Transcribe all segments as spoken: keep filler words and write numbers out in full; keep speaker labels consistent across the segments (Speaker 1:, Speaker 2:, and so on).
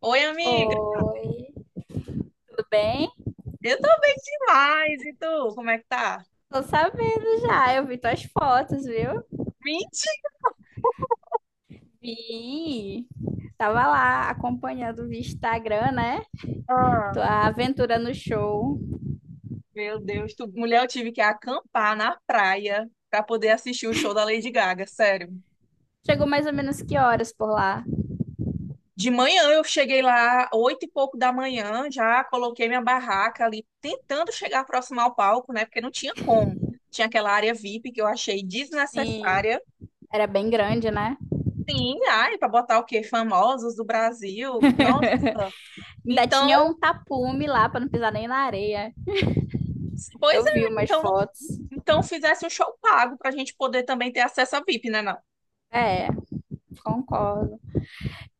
Speaker 1: Oi, amiga.
Speaker 2: Oi, tudo bem?
Speaker 1: Eu tô bem demais. E tu, como é que tá?
Speaker 2: Tô sabendo já, eu vi tuas fotos, viu? Vi. Tava lá acompanhando via Instagram, né?
Speaker 1: Mentira!
Speaker 2: Tua aventura no show.
Speaker 1: Meu Deus, tu, mulher, eu tive que acampar na praia pra poder assistir o show da Lady Gaga, sério.
Speaker 2: Chegou mais ou menos que horas por lá?
Speaker 1: De manhã eu cheguei lá, oito e pouco da manhã, já coloquei minha barraca ali, tentando chegar próximo ao palco, né? Porque não tinha como. Tinha aquela área V I P que eu achei
Speaker 2: Sim.
Speaker 1: desnecessária.
Speaker 2: Era bem grande, né?
Speaker 1: Sim, ai, pra botar o quê? Famosos do Brasil. Nossa.
Speaker 2: Ainda
Speaker 1: Então,
Speaker 2: tinha um tapume lá pra não pisar nem na areia.
Speaker 1: pois
Speaker 2: Eu
Speaker 1: é,
Speaker 2: vi umas
Speaker 1: então
Speaker 2: fotos.
Speaker 1: Então fizesse um show pago pra gente poder também ter acesso a V I P, né, não?
Speaker 2: É, concordo.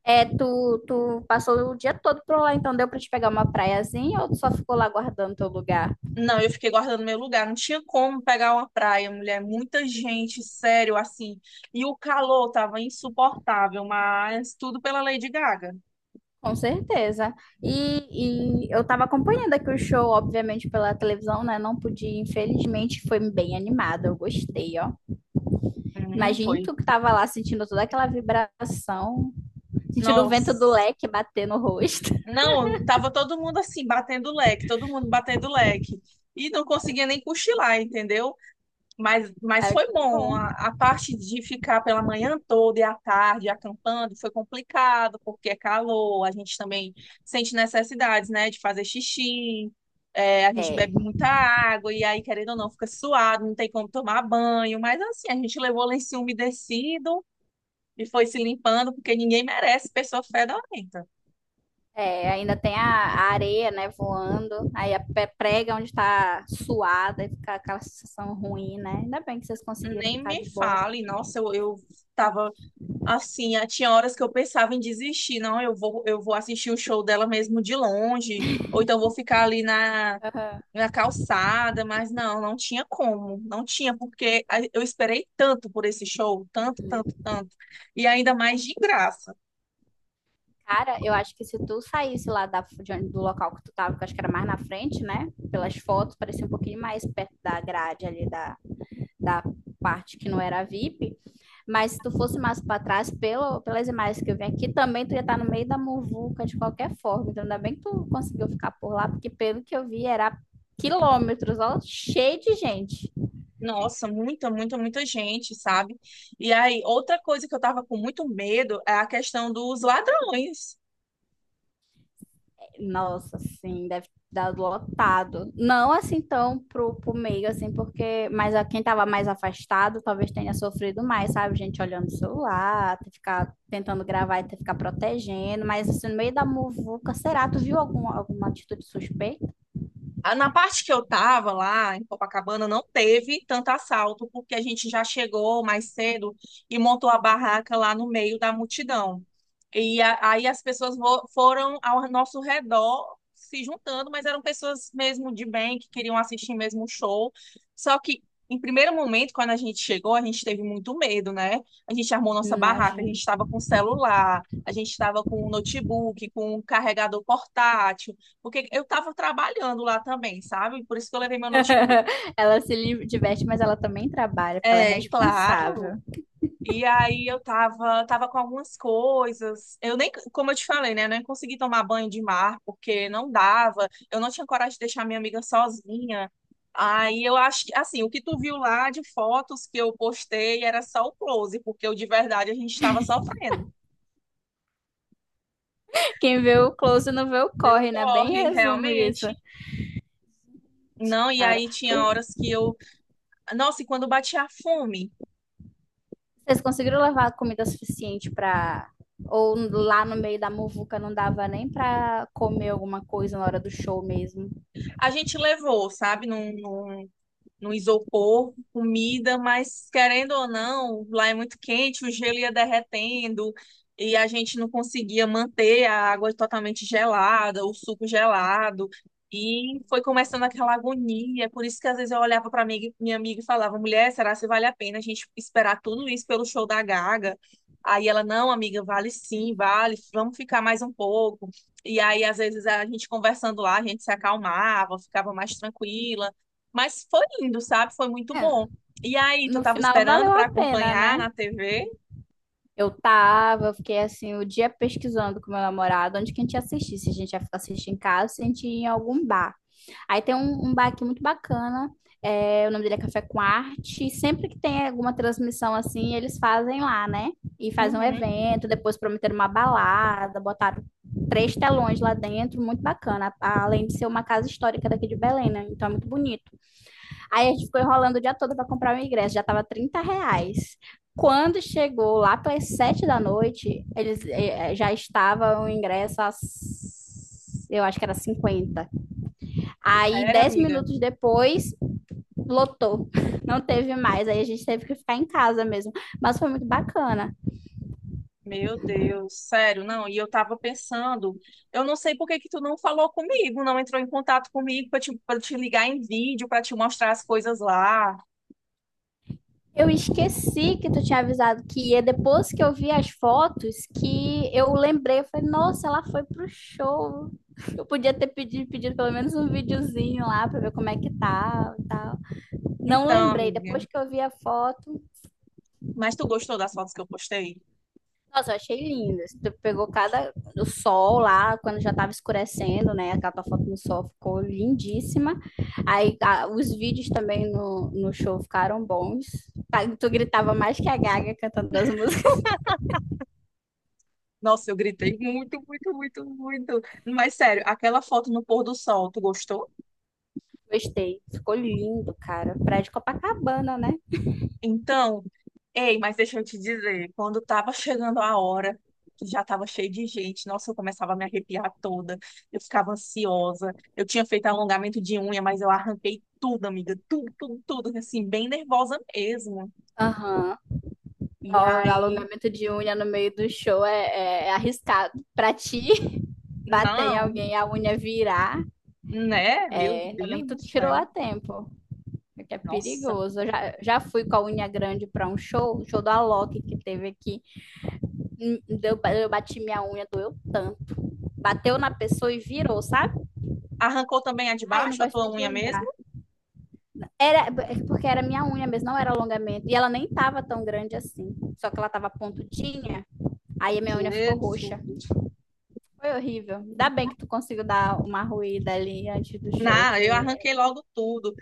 Speaker 2: É, tu, tu passou o dia todo por lá, então deu pra te pegar uma praiazinha ou tu só ficou lá guardando teu lugar?
Speaker 1: Não, eu fiquei guardando meu lugar, não tinha como pegar uma praia, mulher, muita gente, sério, assim. E o calor tava insuportável, mas tudo pela Lady Gaga.
Speaker 2: Com certeza. E, e eu estava acompanhando aqui o show, obviamente, pela televisão, né? Não podia, infelizmente, foi bem animado, eu gostei, ó.
Speaker 1: Hum,
Speaker 2: Imagine
Speaker 1: foi.
Speaker 2: tu que tava lá sentindo toda aquela vibração, sentindo o vento do
Speaker 1: Nossa.
Speaker 2: leque bater no rosto.
Speaker 1: Não, tava todo mundo assim, batendo leque, todo mundo batendo leque. E não conseguia nem cochilar, entendeu? Mas, mas
Speaker 2: É,
Speaker 1: foi
Speaker 2: que
Speaker 1: bom.
Speaker 2: bom.
Speaker 1: A, a parte de ficar pela manhã toda e à tarde acampando foi complicado, porque é calor, a gente também sente necessidades, né, de fazer xixi, é, a gente
Speaker 2: É,
Speaker 1: bebe muita água, e aí, querendo ou não, fica suado, não tem como tomar banho. Mas assim, a gente levou lenço umedecido e foi se limpando, porque ninguém merece pessoa fedorenta.
Speaker 2: é, ainda tem a, a areia, né, voando, aí a pe- prega onde tá suada e fica aquela sensação ruim, né? Ainda bem que vocês conseguiram
Speaker 1: Nem
Speaker 2: ficar
Speaker 1: me
Speaker 2: de boa.
Speaker 1: fale, nossa, eu, eu tava. Assim, ah, tinha horas que eu pensava em desistir, não, eu vou, eu vou assistir o show dela mesmo de longe, ou então vou ficar ali na,
Speaker 2: Aham.
Speaker 1: na calçada, mas não, não tinha como, não tinha, porque a- eu esperei tanto por esse show, tanto, tanto, tanto, e ainda mais de graça.
Speaker 2: Cara, eu acho que se tu saísse lá da, de onde, do local que tu tava, que eu acho que era mais na frente, né? Pelas fotos, parecia um pouquinho mais perto da grade ali da, da parte que não era VIP. Mas se tu fosse mais para trás, pelo, pelas imagens que eu vi aqui, também tu ia estar no meio da muvuca de qualquer forma. Então, ainda bem que tu conseguiu ficar por lá, porque pelo que eu vi, era quilômetros, ó, cheio de gente.
Speaker 1: Nossa, muita, muita, muita gente, sabe? E aí, outra coisa que eu tava com muito medo é a questão dos ladrões.
Speaker 2: Nossa, sim, deve ter dado lotado. Não assim tão pro, pro meio, assim, porque. Mas a quem tava mais afastado talvez tenha sofrido mais, sabe? Gente olhando o celular, ter que ficar tentando gravar e ter que ficar protegendo. Mas assim, no meio da muvuca, será? Tu viu algum, alguma atitude suspeita?
Speaker 1: Ah, na parte que eu tava lá em Copacabana não teve tanto assalto, porque a gente já chegou mais cedo e montou a barraca lá no meio da multidão. E a- aí as pessoas vo- foram ao nosso redor se juntando, mas eram pessoas mesmo de bem, que queriam assistir mesmo o show. Só que em primeiro momento, quando a gente chegou, a gente teve muito medo, né? A gente armou nossa barraca, a
Speaker 2: Imagino.
Speaker 1: gente estava com celular, a gente estava com um notebook, com um carregador portátil. Porque eu estava trabalhando lá também, sabe? Por isso que eu levei meu notebook.
Speaker 2: Ela se li- diverte, mas ela também trabalha, porque ela é
Speaker 1: É, claro.
Speaker 2: responsável.
Speaker 1: E aí eu tava, tava com algumas coisas. Eu nem, como eu te falei, né? Eu nem consegui tomar banho de mar, porque não dava. Eu não tinha coragem de deixar minha amiga sozinha. Aí eu acho que, assim, o que tu viu lá de fotos que eu postei era só o close, porque eu, de verdade a gente estava sofrendo.
Speaker 2: Quem vê o close não vê o
Speaker 1: Deu
Speaker 2: corre, né? Bem
Speaker 1: corre,
Speaker 2: resumo isso.
Speaker 1: realmente. Não, e
Speaker 2: Cara,
Speaker 1: aí tinha
Speaker 2: pois
Speaker 1: horas que eu. Nossa, e quando batia a fome?
Speaker 2: vocês conseguiram levar comida suficiente para, ou lá no meio da muvuca não dava nem pra comer alguma coisa na hora do show mesmo?
Speaker 1: A gente levou, sabe? Não, não, no isopor, comida, mas querendo ou não, lá é muito quente, o gelo ia derretendo e a gente não conseguia manter a água totalmente gelada, o suco gelado. E foi começando aquela agonia, por isso que às vezes eu olhava para minha minha amiga e falava: mulher, será que vale a pena a gente esperar tudo isso pelo show da Gaga? Aí ela: não, amiga, vale sim, vale, vamos ficar mais um pouco. E aí, às vezes, a gente conversando lá, a gente se acalmava, ficava mais tranquila, mas foi lindo, sabe? Foi muito
Speaker 2: É,
Speaker 1: bom. E aí, tu
Speaker 2: no
Speaker 1: tava
Speaker 2: final
Speaker 1: esperando
Speaker 2: valeu
Speaker 1: pra
Speaker 2: a pena,
Speaker 1: acompanhar
Speaker 2: né?
Speaker 1: na T V?
Speaker 2: Eu tava, eu fiquei assim, o dia pesquisando com meu namorado onde que a gente ia assistir, se a gente ia assistir em casa, se a gente ia em algum bar. Aí tem um, um bar aqui muito bacana. É, o nome dele é Café com Arte. Sempre que tem alguma transmissão assim, eles fazem lá, né? E fazem um
Speaker 1: Uhum.
Speaker 2: evento, depois prometeram uma balada, botaram três telões lá dentro, muito bacana. Além de ser uma casa histórica daqui de Belém, né? Então é muito bonito. Aí a gente ficou enrolando o dia todo para comprar o ingresso, já tava trinta reais. Quando chegou lá pelas sete da noite, eles eh, já estava o ingresso às, eu acho que era cinquenta. Aí,
Speaker 1: Sério,
Speaker 2: dez
Speaker 1: amiga?
Speaker 2: minutos depois, lotou. Não teve mais. Aí a gente teve que ficar em casa mesmo. Mas foi muito bacana.
Speaker 1: Meu Deus, sério, não. E eu tava pensando, eu não sei por que que tu não falou comigo, não entrou em contato comigo pra te, pra te ligar em vídeo, pra te mostrar as coisas lá.
Speaker 2: Eu esqueci que tu tinha avisado que ia. Depois que eu vi as fotos, que eu lembrei. Eu falei, nossa, ela foi pro show. Eu podia ter pedido, pedido pelo menos um videozinho lá pra ver como é que tá e tal. Não
Speaker 1: Então,
Speaker 2: lembrei.
Speaker 1: amiga,
Speaker 2: Depois que eu vi a foto,
Speaker 1: mas tu gostou das fotos que eu postei?
Speaker 2: nossa, eu achei lindo. Assim, tu pegou cada o sol lá, quando já tava escurecendo, né? Aquela tua foto no sol ficou lindíssima. Aí a- os vídeos também no, no show ficaram bons. Tá, tu gritava mais que a Gaga cantando as músicas.
Speaker 1: Nossa, eu gritei muito, muito, muito, muito. Mas sério, aquela foto no pôr do sol, tu gostou?
Speaker 2: Gostei. Ficou lindo, cara. Praia de Copacabana, né?
Speaker 1: Então, ei, mas deixa eu te dizer, quando tava chegando a hora, que já tava cheio de gente, nossa, eu começava a me arrepiar toda, eu ficava ansiosa. Eu tinha feito alongamento de unha, mas eu arranquei tudo, amiga, tudo, tudo, tudo, assim, bem nervosa mesmo.
Speaker 2: Aham. Ó,
Speaker 1: E aí,
Speaker 2: alongamento de unha no meio do show é, é é arriscado. Pra ti, bater em
Speaker 1: não,
Speaker 2: alguém, a unha virar.
Speaker 1: né? Meu
Speaker 2: É, ainda bem
Speaker 1: Deus
Speaker 2: que tu
Speaker 1: do
Speaker 2: tirou a
Speaker 1: céu.
Speaker 2: tempo. É que é
Speaker 1: Nossa,
Speaker 2: perigoso. Eu já, já fui com a unha grande para um show, o show do Alok que teve aqui. Hum, Deu, eu bati minha unha, doeu tanto. Bateu na pessoa e virou, sabe?
Speaker 1: arrancou também a de
Speaker 2: Ai, não
Speaker 1: baixo, a
Speaker 2: gosto nem
Speaker 1: tua
Speaker 2: de
Speaker 1: unha mesmo?
Speaker 2: lembrar. Era é porque era minha unha mesmo, não era alongamento. E ela nem tava tão grande assim. Só que ela tava pontudinha, aí a minha unha ficou
Speaker 1: Jesus.
Speaker 2: roxa. Foi horrível. Ainda bem que tu conseguiu dar uma ruída ali antes do show,
Speaker 1: Não,
Speaker 2: que.
Speaker 1: eu arranquei logo tudo.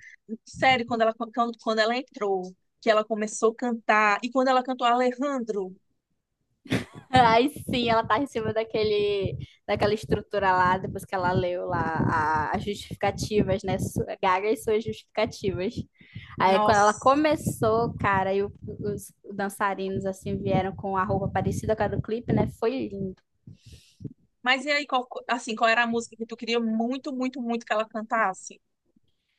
Speaker 1: Sério, quando ela, quando, quando ela entrou, que ela começou a cantar, e quando ela cantou Alejandro,
Speaker 2: Aí sim, ela tá em cima daquele, daquela estrutura lá, depois que ela leu lá a- as justificativas, né? Su- Gaga e suas justificativas. Aí quando ela
Speaker 1: nossa.
Speaker 2: começou, cara, e o- os dançarinos assim vieram com a roupa parecida com a do clipe, né? Foi lindo.
Speaker 1: Mas e aí, qual, assim, qual era a música que tu queria muito, muito, muito que ela cantasse?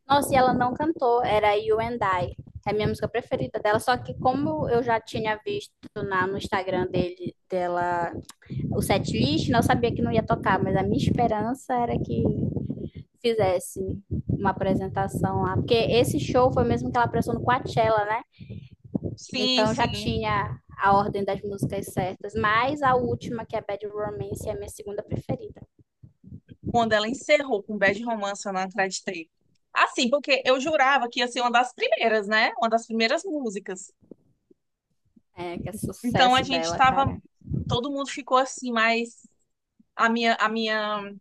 Speaker 2: Nossa, e ela não cantou, era You and I. É a minha música preferida dela, só que como eu já tinha visto na, no Instagram dele, dela, o setlist, né, eu sabia que não ia tocar, mas a minha esperança era que fizesse uma apresentação lá. Porque esse show foi mesmo que ela prestou no Coachella, né?
Speaker 1: Sim,
Speaker 2: Então já
Speaker 1: sim.
Speaker 2: tinha a ordem das músicas certas, mas a última, que é Bad Romance, é a minha segunda preferida.
Speaker 1: Quando ela encerrou com Bad Romance, eu não acreditei. Assim, porque eu jurava que ia ser uma das primeiras, né? Uma das primeiras músicas.
Speaker 2: É, que é
Speaker 1: Então a
Speaker 2: sucesso
Speaker 1: gente
Speaker 2: dela,
Speaker 1: tava,
Speaker 2: cara.
Speaker 1: todo mundo ficou assim, mas a minha, a minha,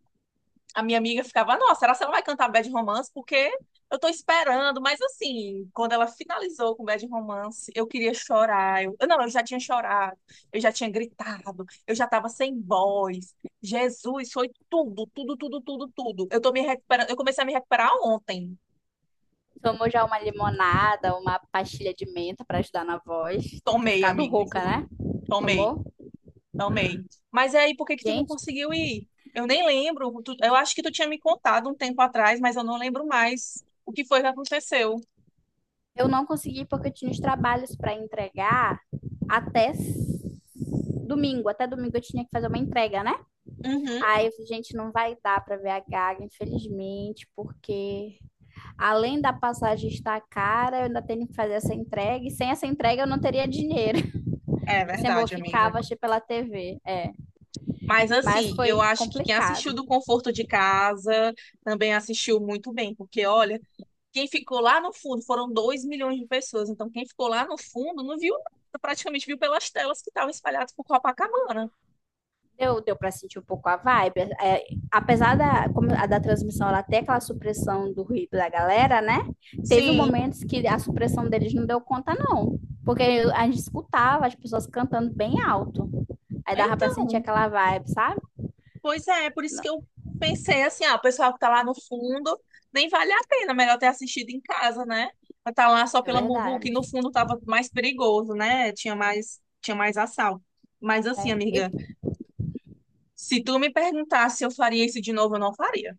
Speaker 1: a minha amiga ficava, nossa, será que ela vai cantar Bad Romance? Porque eu tô esperando, mas assim, quando ela finalizou com Bad Romance, eu queria chorar. Eu, eu não, eu já tinha chorado, eu já tinha gritado, eu já tava sem voz. Jesus, foi tudo, tudo, tudo, tudo, tudo. Eu tô me recuperando, eu comecei a me recuperar ontem.
Speaker 2: Tomou já uma limonada, uma pastilha de menta para ajudar na voz. Tô
Speaker 1: Tomei,
Speaker 2: ficado
Speaker 1: amiga,
Speaker 2: rouca,
Speaker 1: juro.
Speaker 2: né?
Speaker 1: Tomei.
Speaker 2: Tomou?
Speaker 1: Também. Mas aí, por que que tu não
Speaker 2: Gente,
Speaker 1: conseguiu ir? Eu nem lembro. Tu- eu acho que tu tinha me contado um tempo atrás, mas eu não lembro mais o que foi que aconteceu.
Speaker 2: eu não consegui porque eu tinha os trabalhos para entregar até domingo. Até domingo eu tinha que fazer uma entrega, né?
Speaker 1: Uhum,
Speaker 2: Aí, gente, não vai dar para ver a Gaga, infelizmente, porque além da passagem estar cara, eu ainda tenho que fazer essa entrega, e sem essa entrega eu não teria dinheiro.
Speaker 1: é
Speaker 2: Assim, eu vou
Speaker 1: verdade,
Speaker 2: ficar,
Speaker 1: amiga.
Speaker 2: vou assistir pela T V, é.
Speaker 1: Mas
Speaker 2: Mas
Speaker 1: assim, eu
Speaker 2: foi
Speaker 1: acho que quem assistiu
Speaker 2: complicado.
Speaker 1: do conforto de casa também assistiu muito bem, porque olha, quem ficou lá no fundo foram dois milhões de pessoas. Então, quem ficou lá no fundo não viu nada, praticamente viu pelas telas que estavam espalhadas por Copacabana.
Speaker 2: Deu, deu para sentir um pouco a vibe. É, apesar da, como a da transmissão, ela ter aquela supressão do ruído da galera, né? Teve
Speaker 1: Sim.
Speaker 2: momentos que a supressão deles não deu conta, não. Porque a gente escutava as pessoas cantando bem alto. Aí dava para sentir
Speaker 1: Então,
Speaker 2: aquela vibe, sabe?
Speaker 1: pois é, por isso que eu pensei assim, ah, o pessoal que tá lá no fundo, nem vale a pena, melhor ter assistido em casa, né? Pra tá lá só
Speaker 2: É
Speaker 1: pela muvuca e no
Speaker 2: verdade.
Speaker 1: fundo tava mais perigoso, né? Tinha mais, tinha mais assalto. Mas assim,
Speaker 2: É. E,
Speaker 1: amiga, se tu me perguntasse se eu faria isso de novo, eu não faria.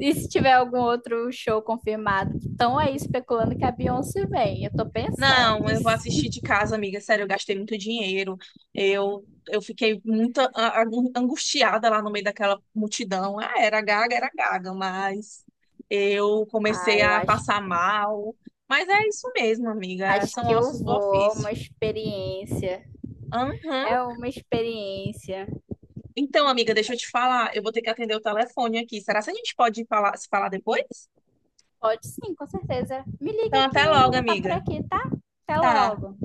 Speaker 2: e se tiver algum outro show confirmado, estão aí especulando que a Beyoncé vem. Eu tô
Speaker 1: Não,
Speaker 2: pensando.
Speaker 1: eu vou assistir de casa, amiga. Sério, eu gastei muito dinheiro. Eu, eu fiquei muito a- a- angustiada lá no meio daquela multidão. Ah, era gaga, era gaga, mas eu comecei
Speaker 2: Ah, eu
Speaker 1: a
Speaker 2: acho,
Speaker 1: passar mal. Mas é isso mesmo, amiga.
Speaker 2: acho
Speaker 1: São
Speaker 2: que eu
Speaker 1: ossos do
Speaker 2: vou. É
Speaker 1: ofício.
Speaker 2: uma experiência.
Speaker 1: Aham.
Speaker 2: É uma experiência.
Speaker 1: Então, amiga, deixa eu te falar. Eu vou ter que atender o telefone aqui. Será que a gente pode falar, se falar depois?
Speaker 2: Pode sim, com certeza. Me
Speaker 1: Então,
Speaker 2: liga que
Speaker 1: até
Speaker 2: eu
Speaker 1: logo,
Speaker 2: vou estar por
Speaker 1: amiga.
Speaker 2: aqui, tá? Até
Speaker 1: Tá.
Speaker 2: logo.